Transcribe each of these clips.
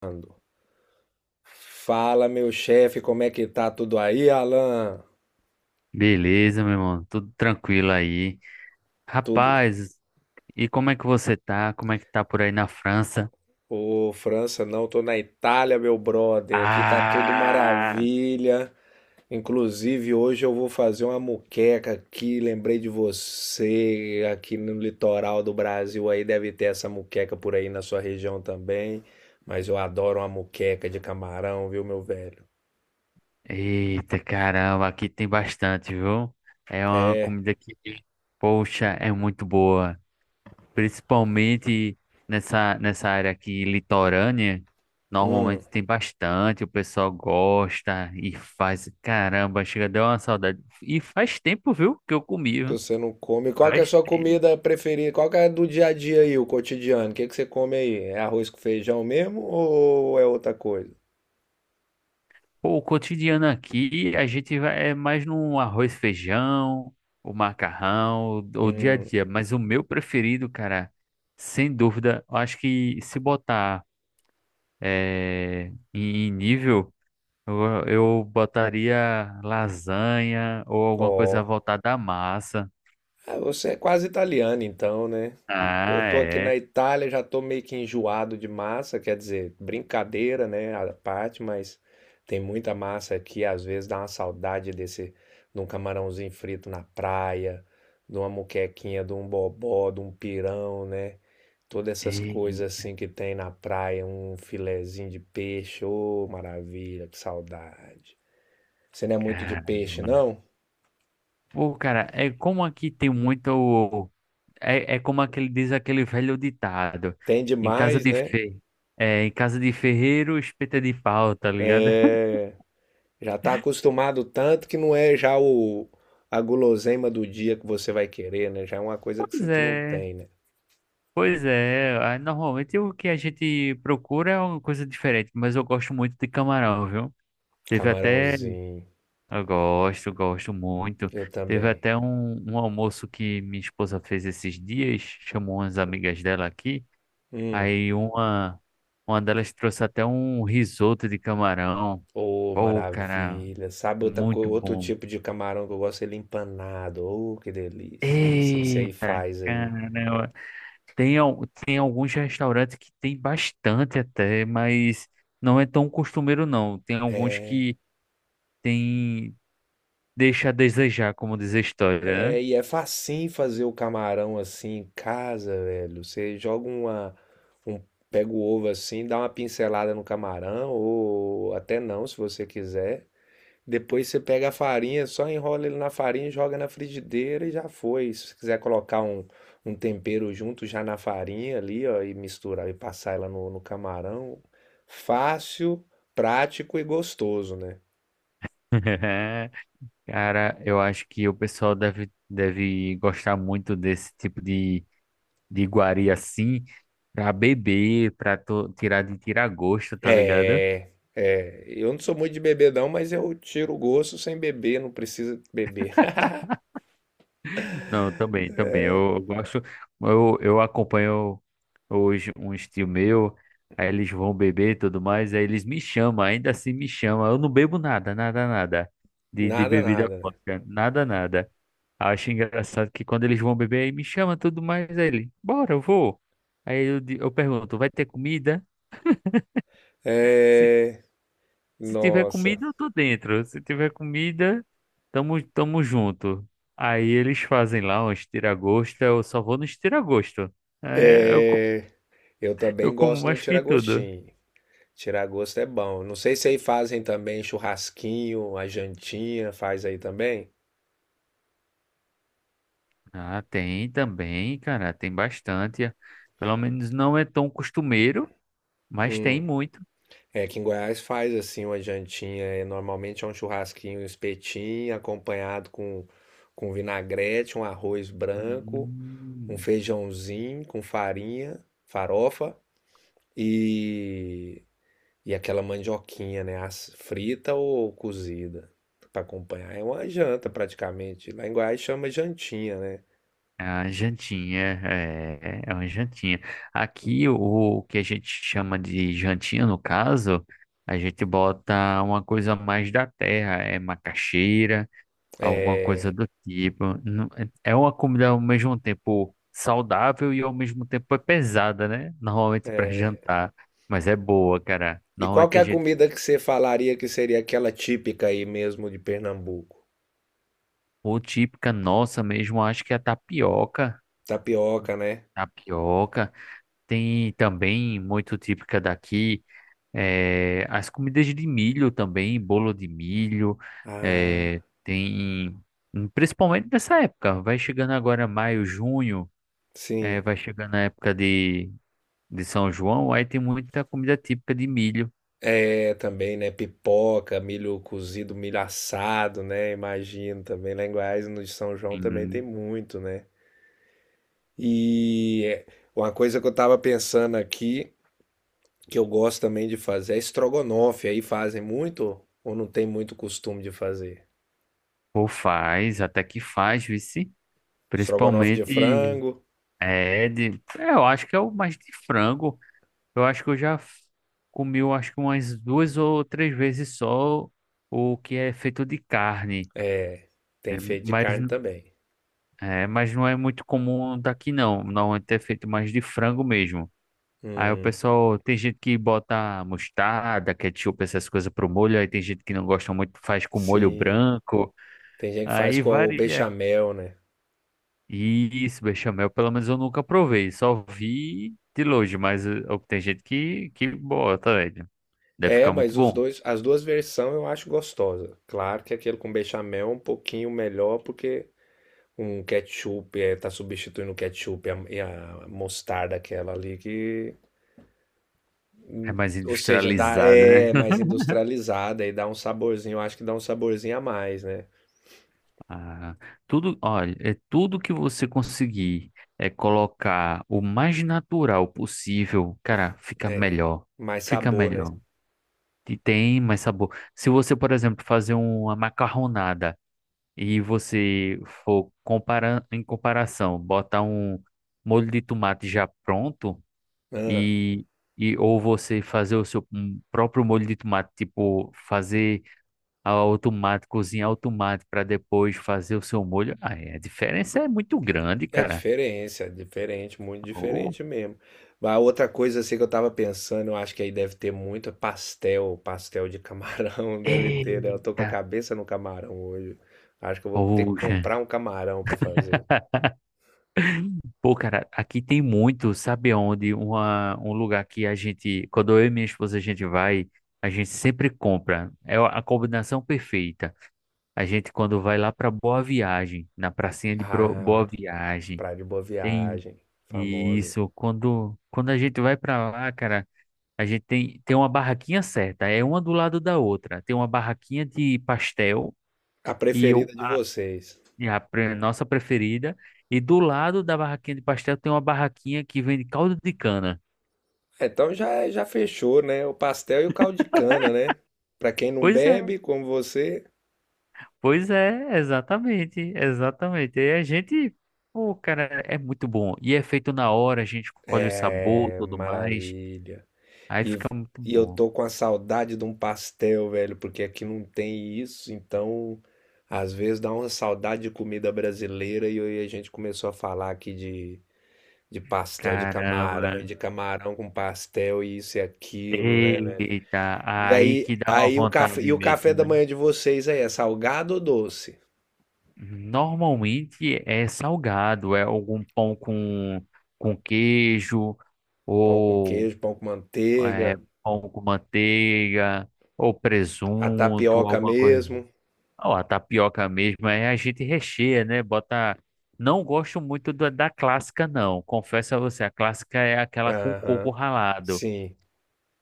Ando. Fala, meu chefe, como é que tá tudo aí, Alan? Beleza, meu irmão, tudo tranquilo aí. Tudo. Rapaz, e como é que você tá? Como é que tá por aí na França? Ô, França, não, tô na Itália, meu brother. Aqui tá tudo Ah, maravilha. Inclusive, hoje eu vou fazer uma muqueca aqui. Lembrei de você. Aqui no litoral do Brasil aí deve ter essa muqueca por aí na sua região também. Mas eu adoro uma muqueca de camarão, viu, meu velho? eita caramba, aqui tem bastante, viu? É uma É. comida que, poxa, é muito boa. Principalmente nessa área aqui litorânea, Hum. normalmente tem bastante, o pessoal gosta e faz. Caramba, chega, deu uma saudade. E faz tempo, viu, que eu comi, Que viu? você não come. Qual que é a Faz sua tempo. comida preferida? Qual que é do dia a dia aí, o cotidiano? O que que você come aí? É arroz com feijão mesmo ou é outra coisa? Pô, o cotidiano aqui, a gente vai, é mais no arroz, feijão, o macarrão, o dia a Hum, dia. Mas o meu preferido, cara, sem dúvida, eu acho que se botar em nível, eu botaria lasanha ou alguma coisa ó. voltada à massa. Ah, você é quase italiano então, né? Eu Ah, tô aqui na é. Itália, já tô meio que enjoado de massa, quer dizer, brincadeira, né, a parte, mas tem muita massa aqui, às vezes dá uma saudade desse, de um camarãozinho frito na praia, de uma muquequinha, de um bobó, de um pirão, né? Todas essas Ei, coisas assim que tem na praia, um filezinho de peixe, ô maravilha, que saudade. Você não é muito de cara. peixe, não? Pô, cara, é como aqui tem muito. É, é como aquele, diz aquele velho ditado. Tem Em casa demais, de né? fe... É, em casa de ferreiro, espeta de pau, tá ligado? É, já tá acostumado tanto que não é já o, a guloseima do dia que você vai querer, né? Já é uma coisa que, Pois que não é, tem, né? pois é. Ah, normalmente o que a gente procura é uma coisa diferente, mas eu gosto muito de camarão, viu? Teve até. Camarãozinho, Eu gosto, gosto muito. eu Teve também. até um almoço que minha esposa fez esses dias, chamou umas amigas dela aqui. Hum, Aí uma, uma delas trouxe até um risoto de camarão. ô Pô, cara. maravilha. Sabe outra, Muito outro bom. tipo de camarão que eu gosto? Ele empanado. Ô, que delícia. Não sei se aí Eita, faz aí. caramba. Tem alguns restaurantes que tem bastante até, mas não é tão costumeiro não. Tem alguns que tem, deixa a desejar, como diz a história, né? É, e é facinho fazer o camarão assim em casa, velho. Você joga uma, um, pega o ovo assim, dá uma pincelada no camarão, ou até não, se você quiser. Depois você pega a farinha, só enrola ele na farinha, joga na frigideira e já foi. Se você quiser colocar um, um tempero junto já na farinha ali, ó, e misturar e passar ela no, no camarão, fácil, prático e gostoso, né? Cara, eu acho que o pessoal deve gostar muito desse tipo de iguaria assim, pra beber, tirar de tirar gosto, tá ligado? É, é, eu não sou muito de beber não, mas eu tiro o gosto sem beber, não precisa beber. Não, também, também. Eu gosto, eu acompanho hoje um estilo meu, aí eles vão beber e tudo mais, aí eles me chamam, ainda assim me chamam. Eu não bebo nada, nada, nada de, de Nada, bebida nada, né? alcoólica, nada, nada. Acho engraçado que quando eles vão beber, aí me chama tudo mais, aí ele, bora, eu vou. Eu pergunto, vai ter comida? É, Se tiver nossa. comida, eu tô dentro. Se tiver comida, tamo, tamo junto. Aí eles fazem lá uns tira-gosto, eu só vou nos tira-gosto. É, eu, co- É, eu eu também como gosto do mais que tudo. tiragostinho. Tiragosto é bom. Não sei se aí fazem também churrasquinho, a jantinha, faz aí também? Ah, tem também, cara, tem bastante. Pelo menos não é tão costumeiro, mas Hum, tem muito. é que em Goiás faz assim uma jantinha, é, normalmente é um churrasquinho, um espetinho, acompanhado com vinagrete, um arroz branco, um Hum. feijãozinho com farinha, farofa e, e aquela mandioquinha, né? Frita ou cozida para acompanhar. É uma janta praticamente. Lá em Goiás chama jantinha, né? É uma jantinha, é, é uma jantinha. Aqui, o, o que a gente chama de jantinha, no caso, a gente bota uma coisa mais da terra, é macaxeira, alguma coisa do tipo. Não- é uma comida ao mesmo tempo saudável e ao mesmo tempo é pesada, né? Normalmente para jantar, mas é boa, cara. E qual que Normalmente é a a gente, comida que você falaria que seria aquela típica aí mesmo de Pernambuco? ou típica nossa mesmo, acho que é a tapioca. Tapioca, né? Tapioca tem também muito típica daqui. As comidas de milho também, bolo de milho, Ah, eh, tem principalmente nessa época, vai chegando agora maio, junho, sim. vai chegando a época de São João, aí tem muita comida típica de milho. É, também, né? Pipoca, milho cozido, milho assado, né? Imagino também. Lá em Goiás, no de São João, também tem Hum, muito, né? E uma coisa que eu estava pensando aqui, que eu gosto também de fazer, é estrogonofe. Aí fazem muito ou não tem muito costume de fazer? Ou faz, até que faz, vice. Estrogonofe de Principalmente frango, é, eu acho que é o mais de frango. Eu acho que eu já f- Comi, eu acho que umas duas ou três vezes só o que é feito de carne. Né? tem feito de Mas, carne também. é, mas não é muito comum daqui não. Normalmente é feito mais de frango mesmo. Aí o Hum, pessoal, tem gente que bota mostarda, ketchup, essas coisas pro molho. Aí tem gente que não gosta muito, faz com molho sim. branco. Tem gente que faz Aí com o varia. bechamel, né? Isso, bechamel, pelo menos eu nunca provei. Só vi de longe, mas tem gente que bota, velho. Deve É, ficar muito mas os bom. dois, as duas versões eu acho gostosa. Claro que aquele com bechamel é um pouquinho melhor porque um ketchup é, tá substituindo o ketchup e a mostarda aquela ali que... É Hum. mais Ou seja, dá, industrializado, né? é mais industrializada e dá um saborzinho. Eu acho que dá um saborzinho a mais, né? Ah, tudo, olha, é tudo que você conseguir é colocar o mais natural possível, cara, fica É, melhor. mais Fica sabor, né? melhor. E tem mais sabor. Se você, por exemplo, fazer uma macarronada e você for comparando em comparação, botar um molho de tomate já pronto Ah, e, e ou você fazer o seu um próprio molho de tomate, tipo, fazer automático, cozinhar automático para depois fazer o seu molho. Ah, é, a diferença é muito grande, é cara. diferença, é diferente, muito Oh, diferente mesmo. A outra coisa assim que eu tava pensando, eu acho que aí deve ter muito é pastel, pastel de camarão, deve ter, né? Eu tô com a eita, cabeça no camarão hoje. Acho que eu vou ter que poxa. comprar um camarão pra fazer. Pô, cara, aqui tem muito, sabe onde? Um lugar que a gente, quando eu e minha esposa a gente vai, a gente sempre compra. É a combinação perfeita. A gente, quando vai lá para Boa Viagem, na Ah, Boa Viagem, praia de Boa tem Viagem, famosa. isso. Quando a gente vai para lá, cara. Tem uma barraquinha certa, é uma do lado da outra. Tem uma barraquinha de pastel A e eu, preferida de a, vocês. e a pre- nossa preferida. E do lado da barraquinha de pastel tem uma barraquinha que vende caldo de cana. É, então já, já fechou, né? O pastel e o caldo de cana, né? Pra quem não Pois é, bebe, como você. pois é, exatamente, exatamente. E a gente, pô, cara, é muito bom. E é feito na hora, a gente escolhe o sabor, É tudo mais. maravilha. Aí E, fica muito e eu bom. tô com a saudade de um pastel, velho, porque aqui não tem isso, então às vezes dá uma saudade de comida brasileira e aí a gente começou a falar aqui de pastel de camarão Caramba. e de camarão com pastel e isso e aquilo, né, velho? Eita, E aí aí, que dá uma aí o café, e vontade o café mesmo, da né? manhã de vocês aí é salgado ou doce? Normalmente é salgado, é algum pão com queijo, Pão com ou queijo, pão com é, manteiga. pão com manteiga, ou A presunto, tapioca alguma coisa. mesmo. Ou a tapioca mesmo, aí a gente recheia, né? Bota. Não gosto muito da, da clássica, não. Confesso a você, a clássica é aquela com coco Aham. ralado. Sim.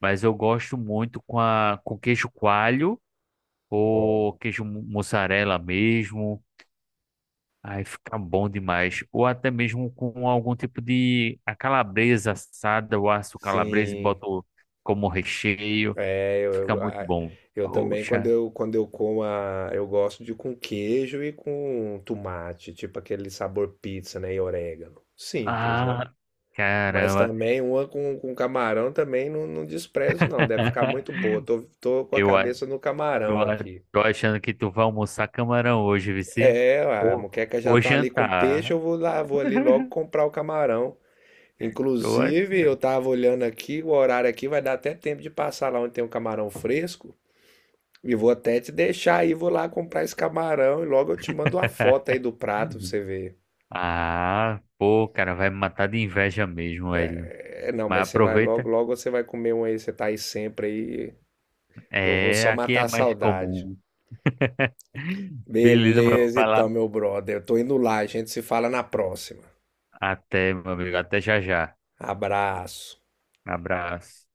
Mas eu gosto muito com, a, com queijo coalho ou Ó, mussarela mesmo. Aí fica bom demais. Ou até mesmo com algum tipo de a calabresa assada, o aço calabresa e sim. boto como recheio. É, eu, Fica eu, muito a- bom. eu também Poxa. Quando eu como a, eu gosto de com queijo e com tomate, tipo aquele sabor pizza, né, e orégano. Simples, né? Ah, Mas caramba. também uma com camarão também não, não desprezo não, deve ficar muito boa. Tô, tô com a Eu, a- cabeça no eu camarão a- aqui. Tô achando que tu vai almoçar camarão hoje, Vici. É, a Ou, moqueca já ou tá ali com peixe, jantar. eu vou lá, vou ali logo comprar o camarão. Tô Inclusive, eu achando. tava olhando aqui, o horário aqui vai dar até tempo de passar lá onde tem um camarão fresco. E vou até te deixar aí, vou lá comprar esse camarão e logo eu te mando uma foto aí do prato pra você ver. Ah, pô, cara, vai me matar de inveja mesmo, velho. É, não, Mas mas você vai logo, aproveita. logo você vai comer um aí, você tá aí sempre aí. Eu vou É, só aqui matar é a mais saudade. comum. Beleza, meu. Beleza, Vai lá. então, meu brother. Eu tô indo lá, a gente se fala na próxima. Até, meu amigo. Até já já. Abraço. Abraço.